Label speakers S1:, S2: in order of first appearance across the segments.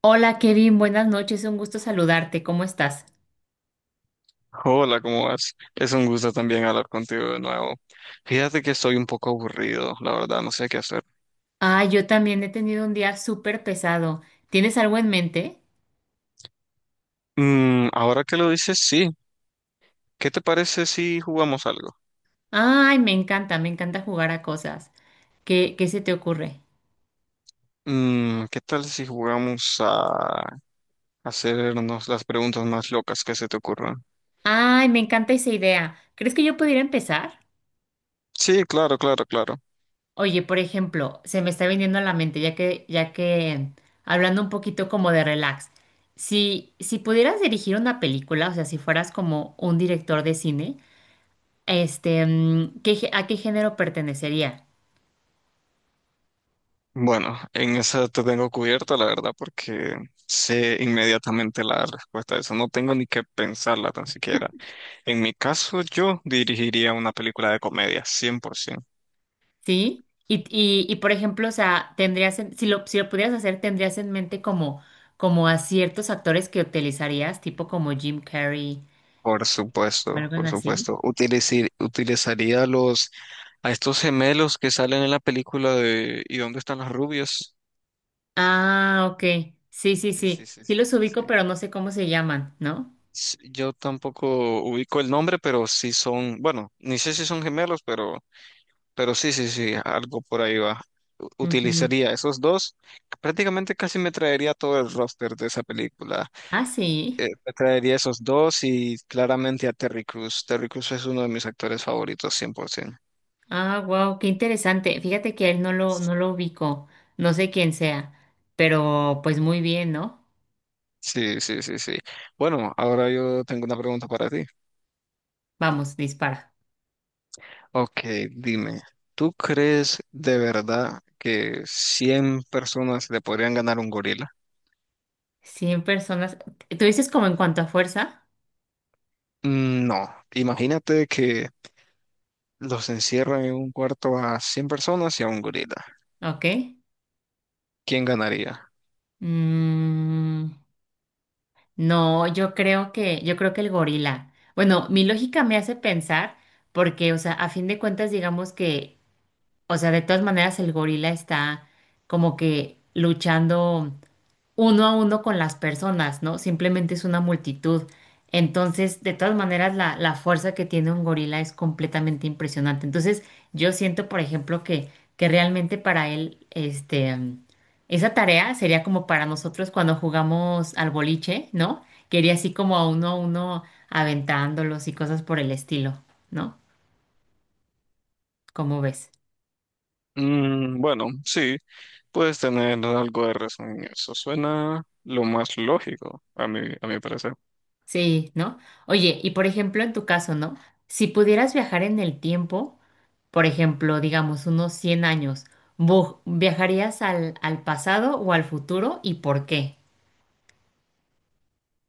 S1: Hola Kevin, buenas noches, un gusto saludarte, ¿cómo estás?
S2: Hola, ¿cómo vas? Es un gusto también hablar contigo de nuevo. Fíjate que estoy un poco aburrido, la verdad, no sé qué hacer.
S1: Ah, yo también he tenido un día súper pesado. ¿Tienes algo en mente?
S2: Ahora que lo dices, sí. ¿Qué te parece si jugamos algo?
S1: Ay, me encanta jugar a cosas. ¿¿Qué se te ocurre?
S2: ¿Qué tal si jugamos a hacernos las preguntas más locas que se te ocurran?
S1: Ay, me encanta esa idea. ¿Crees que yo pudiera empezar?
S2: Sí, claro, claro, claro.
S1: Oye, por ejemplo, se me está viniendo a la mente, hablando un poquito como de relax, si pudieras dirigir una película, o sea, si fueras como un director de cine, ¿ a qué género pertenecería?
S2: Bueno, en esa te tengo cubierta, la verdad, porque sé inmediatamente la respuesta a eso. No tengo ni que pensarla tan siquiera. En mi caso, yo dirigiría una película de comedia, 100%.
S1: Sí, por ejemplo, o sea, si lo pudieras hacer, tendrías en mente como, como a ciertos actores que utilizarías, tipo como Jim Carrey,
S2: Por supuesto,
S1: algo
S2: por
S1: así.
S2: supuesto. Utilizaría los a estos gemelos que salen en la película de ¿Y dónde están las rubias?
S1: Ah, ok. Sí, sí,
S2: Sí, sí,
S1: sí.
S2: sí,
S1: Sí
S2: sí,
S1: los
S2: sí, sí.
S1: ubico, pero no sé cómo se llaman, ¿no?
S2: Yo tampoco ubico el nombre, pero sí son, bueno, ni sé si son gemelos, pero sí, sí, sí, algo por ahí va.
S1: Ujú.
S2: Utilizaría esos dos. Prácticamente casi me traería todo el roster de esa película.
S1: Ah, sí.
S2: Me traería esos dos y claramente a Terry Crews. Terry Crews es uno de mis actores favoritos, 100%.
S1: Ah, wow, qué interesante. Fíjate que a él no lo ubico. No sé quién sea, pero pues muy bien, ¿no?
S2: Sí, sí, sí, sí. Bueno, ahora yo tengo una pregunta para ti.
S1: Vamos, dispara.
S2: Ok, dime, ¿tú crees de verdad que 100 personas le podrían ganar a un gorila?
S1: 100 personas. ¿Tú dices como en cuanto a fuerza?
S2: No, imagínate que los encierran en un cuarto a 100 personas y a un gorila.
S1: Ok.
S2: ¿Quién ganaría?
S1: Mm, no, yo creo que el gorila. Bueno, mi lógica me hace pensar, porque, o sea, a fin de cuentas, digamos que, o sea, de todas maneras el gorila está como que luchando uno a uno con las personas, ¿no? Simplemente es una multitud. Entonces, de todas maneras, la fuerza que tiene un gorila es completamente impresionante. Entonces, yo siento, por ejemplo, que realmente para él, esa tarea sería como para nosotros cuando jugamos al boliche, ¿no? Que iría así como a uno aventándolos y cosas por el estilo, ¿no? ¿Cómo ves?
S2: Bueno, sí, puedes tener algo de razón en eso. Suena lo más lógico, a mi parecer.
S1: Sí, ¿no? Oye, y por ejemplo, en tu caso, ¿no? Si pudieras viajar en el tiempo, por ejemplo, digamos unos 100 años, ¿viajarías al pasado o al futuro y por qué?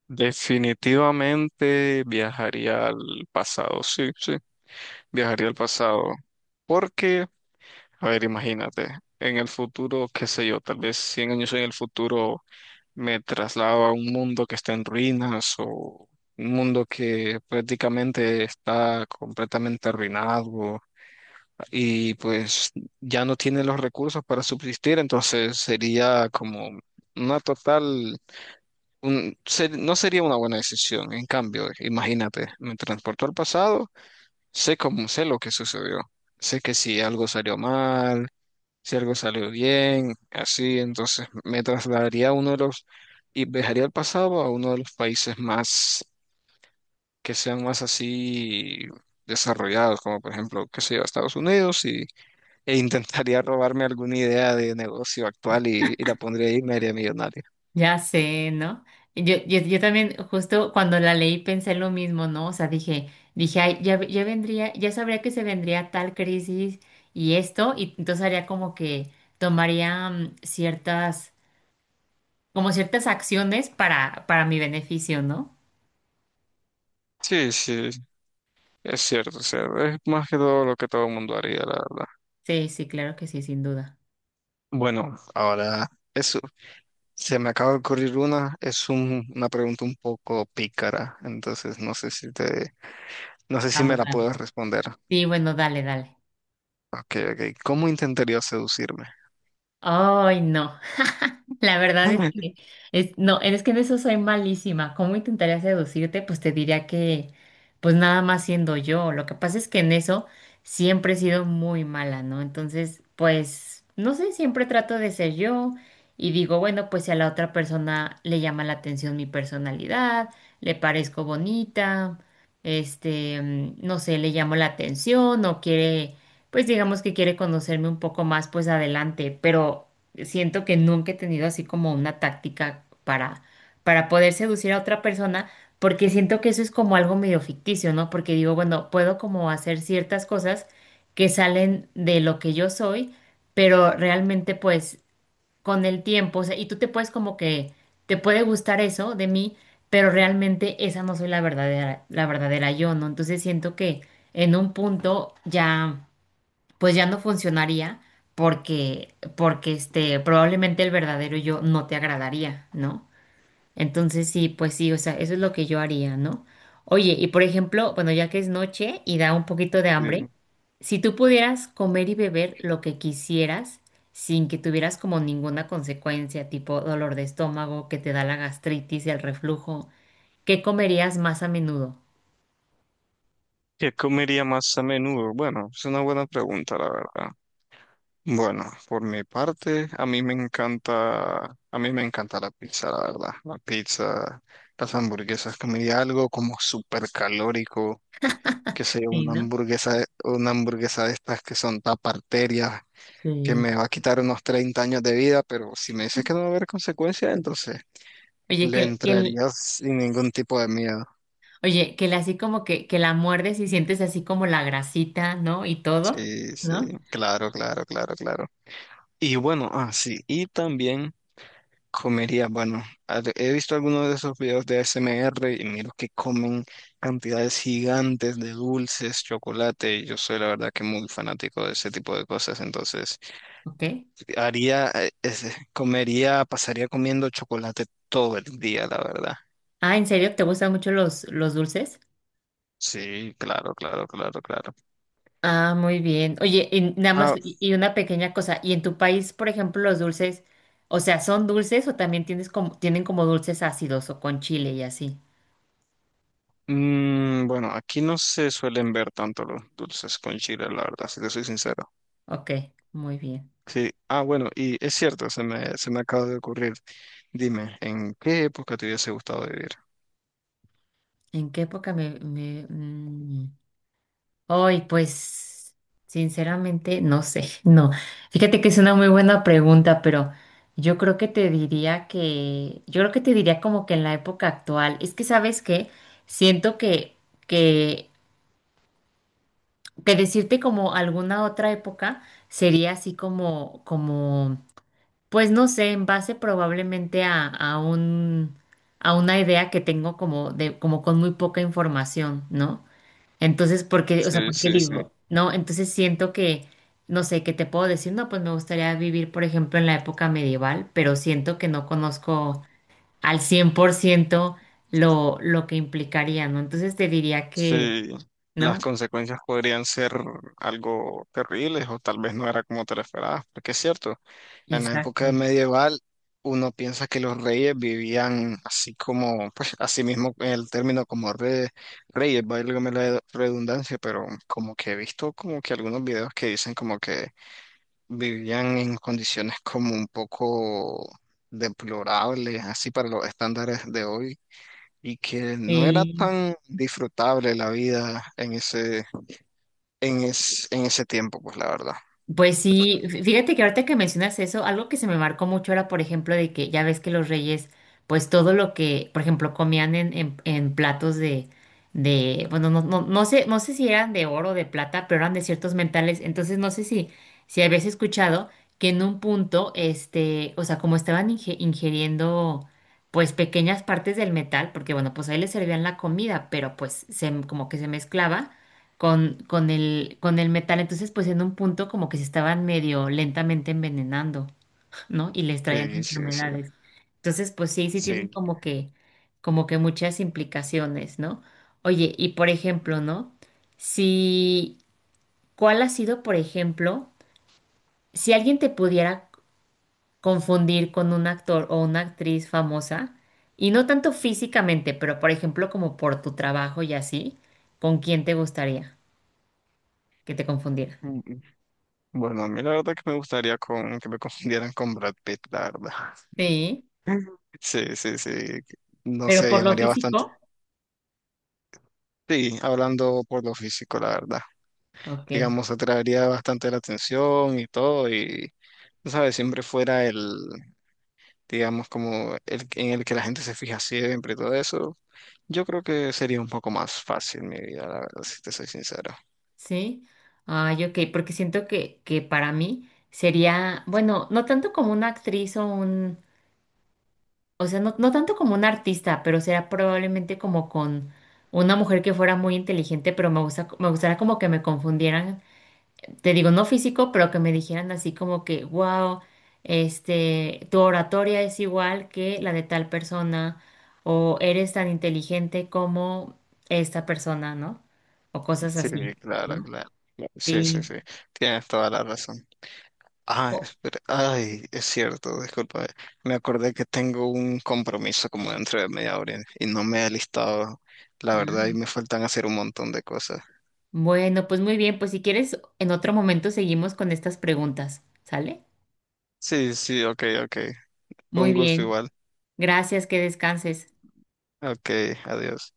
S2: Definitivamente viajaría al pasado, sí, sí. Viajaría al pasado. Porque, a ver, imagínate, en el futuro, qué sé yo, tal vez 100 años en el futuro me traslado a un mundo que está en ruinas o un mundo que prácticamente está completamente arruinado y pues ya no tiene los recursos para subsistir, entonces sería como una total, no sería una buena decisión. En cambio, imagínate, me transporto al pasado. Sé cómo, sé lo que sucedió. Sé que si algo salió mal, si algo salió bien, así, entonces me trasladaría a uno de los, y viajaría al pasado a uno de los países más, que sean más así desarrollados, como por ejemplo, qué sé yo, Estados Unidos, e intentaría robarme alguna idea de negocio actual y la pondría ahí y me haría millonario.
S1: Ya sé, ¿no? Yo también, justo cuando la leí, pensé lo mismo, ¿no? O sea, dije, ay, ya vendría, ya sabría que se vendría tal crisis y esto, y entonces haría como que tomaría ciertas, como ciertas acciones para mi beneficio, ¿no?
S2: Sí, sí, es cierto, o sea, es más que todo lo que todo el mundo haría, la verdad.
S1: Sí, sí, claro que sí, sin duda.
S2: Bueno, ahora es se me acaba de ocurrir una, una pregunta un poco pícara, entonces no sé si me
S1: Vamos,
S2: la
S1: vamos.
S2: puedes responder.
S1: Sí, bueno, dale, dale.
S2: Ok, ok. ¿Cómo intentaría seducirme?
S1: Ay, no. La verdad es que es, no, es que en eso soy malísima. ¿Cómo intentaría seducirte? Pues te diría que, pues nada más siendo yo. Lo que pasa es que en eso siempre he sido muy mala, ¿no? Entonces, pues, no sé, siempre trato de ser yo y digo, bueno, pues si a la otra persona le llama la atención mi personalidad, le parezco bonita, no sé, le llamo la atención o quiere, pues digamos que quiere conocerme un poco más, pues adelante, pero siento que nunca he tenido así como una táctica para poder seducir a otra persona, porque siento que eso es como algo medio ficticio, ¿no? Porque digo, bueno, puedo como hacer ciertas cosas que salen de lo que yo soy, pero realmente pues con el tiempo, o sea, y tú te puedes como que, te puede gustar eso de mí, pero realmente esa no soy la verdadera yo, ¿no? Entonces siento que en un punto ya pues ya no funcionaría porque, probablemente el verdadero yo no te agradaría, ¿no? Entonces sí, pues sí, o sea, eso es lo que yo haría, ¿no? Oye, y por ejemplo, bueno, ya que es noche y da un poquito de hambre,
S2: Sí.
S1: si tú pudieras comer y beber lo que quisieras sin que tuvieras como ninguna consecuencia, tipo dolor de estómago, que te da la gastritis y el reflujo, ¿qué comerías más a menudo?
S2: ¿Qué comería más a menudo? Bueno, es una buena pregunta, la verdad. Bueno, por mi parte, a mí me encanta la pizza, la verdad. La pizza, las hamburguesas, comería algo como súper calórico, que sea
S1: Sí, ¿no?
S2: una hamburguesa de estas que son taparterias que
S1: Sí.
S2: me va a quitar unos 30 años de vida, pero si me dices que no va a haber consecuencias, entonces
S1: Oye, que,
S2: le
S1: el- que el-
S2: entrarías sin ningún tipo de miedo.
S1: Oye, que la, así como que la muerdes y sientes así como la grasita, ¿no? Y todo,
S2: Sí, sí,
S1: ¿no?
S2: claro, claro, claro, claro. Y bueno, sí, y también comería, bueno, he visto algunos de esos videos de ASMR y miro que comen cantidades gigantes de dulces, chocolate, y yo soy la verdad que muy fanático de ese tipo de cosas, entonces
S1: Ok.
S2: comería, pasaría comiendo chocolate todo el día, la verdad.
S1: Ah, ¿en serio? ¿Te gustan mucho los dulces?
S2: Sí, claro, claro, claro, claro.
S1: Ah, muy bien. Oye, y nada más,
S2: Ah,
S1: y una pequeña cosa. ¿Y en tu país, por ejemplo, los dulces, o sea, son dulces o también tienes como, tienen como dulces ácidos o con chile y así?
S2: bueno, aquí no se suelen ver tanto los dulces con chile, la verdad, si te soy sincero.
S1: Ok, muy bien.
S2: Sí, ah, bueno, y es cierto, se me acaba de ocurrir. Dime, ¿en qué época te hubiese gustado vivir?
S1: ¿En qué época me, me, mm, Hoy, pues, sinceramente, no sé, no. Fíjate que es una muy buena pregunta, pero yo creo que te diría como que en la época actual, es que sabes que siento que, que decirte como alguna otra época sería así como, como, pues no sé, en base probablemente a un, a una idea que tengo como de, como con muy poca información, ¿no? Entonces, ¿por qué? O sea,
S2: Sí,
S1: ¿por qué
S2: sí, sí.
S1: digo? No, entonces siento que, no sé, ¿qué te puedo decir? No, pues me gustaría vivir, por ejemplo, en la época medieval, pero siento que no conozco al 100% lo que implicaría, ¿no? Entonces te diría que,
S2: Sí, las
S1: ¿no?
S2: consecuencias podrían ser algo terribles o tal vez no era como te lo esperabas, porque es cierto, en la época
S1: Exacto.
S2: medieval uno piensa que los reyes vivían así como, pues así mismo el término como reyes, válgame la redundancia, pero como que he visto como que algunos videos que dicen como que vivían en condiciones como un poco deplorables, así para los estándares de hoy y que no era
S1: Eh,
S2: tan disfrutable la vida en ese, en ese tiempo, pues la verdad.
S1: pues sí, fíjate que ahorita que mencionas eso, algo que se me marcó mucho era, por ejemplo, de que ya ves que los reyes, pues todo lo que, por ejemplo, comían en platos de, bueno, no sé, no sé si eran de oro o de plata, pero eran de ciertos mentales. Entonces, no sé si, si habías escuchado que en un punto, o sea, como estaban ingiriendo, pues pequeñas partes del metal, porque bueno, pues ahí les servían la comida, pero pues se, como que se mezclaba con, con el metal. Entonces, pues en un punto como que se estaban medio lentamente envenenando, ¿no? Y les traían
S2: Sí, sí, sí,
S1: enfermedades. Entonces, pues sí, sí tienen
S2: sí.
S1: como que muchas implicaciones, ¿no? Oye, y por ejemplo, ¿no? Si, ¿cuál ha sido, por ejemplo, si alguien te pudiera confundir con un actor o una actriz famosa, y no tanto físicamente, pero por ejemplo como por tu trabajo y así, ¿con quién te gustaría que te confundiera?
S2: Mm, Bueno, a mí la verdad que me gustaría que me confundieran con Brad Pitt, la verdad.
S1: Sí,
S2: Sí, sí, sí. No
S1: pero
S2: sé,
S1: por lo
S2: llamaría bastante.
S1: físico,
S2: Sí, hablando por lo físico, la verdad.
S1: ok,
S2: Digamos, atraería bastante la atención y todo, y, tú ¿sabes? Siempre fuera el, digamos, como el, en el que la gente se fija siempre y todo eso, yo creo que sería un poco más fácil mi vida, la verdad, si te soy sincero.
S1: sí. Ay, ok, porque siento que para mí sería, bueno, no tanto como una actriz o un, o sea, no, no tanto como un artista, pero sería probablemente como con una mujer que fuera muy inteligente, pero me gusta, me gustaría como que me confundieran, te digo, no físico, pero que me dijeran así como que, wow, tu oratoria es igual que la de tal persona, o eres tan inteligente como esta persona, ¿no? O cosas
S2: Sí,
S1: así,
S2: claro,
S1: ¿no?
S2: claro. Sí, sí,
S1: Sí.
S2: sí. Tienes toda la razón. Ah,
S1: O-
S2: espera. Ay, es cierto, disculpa. Me acordé que tengo un compromiso como dentro de media hora y no me he listado, la verdad, y
S1: ah,
S2: me faltan hacer un montón de cosas.
S1: bueno, pues muy bien, pues si quieres, en otro momento seguimos con estas preguntas, ¿sale?
S2: Sí, sí, ok, ok.
S1: Muy
S2: Un gusto
S1: bien,
S2: igual.
S1: gracias, que descanses.
S2: Ok, adiós.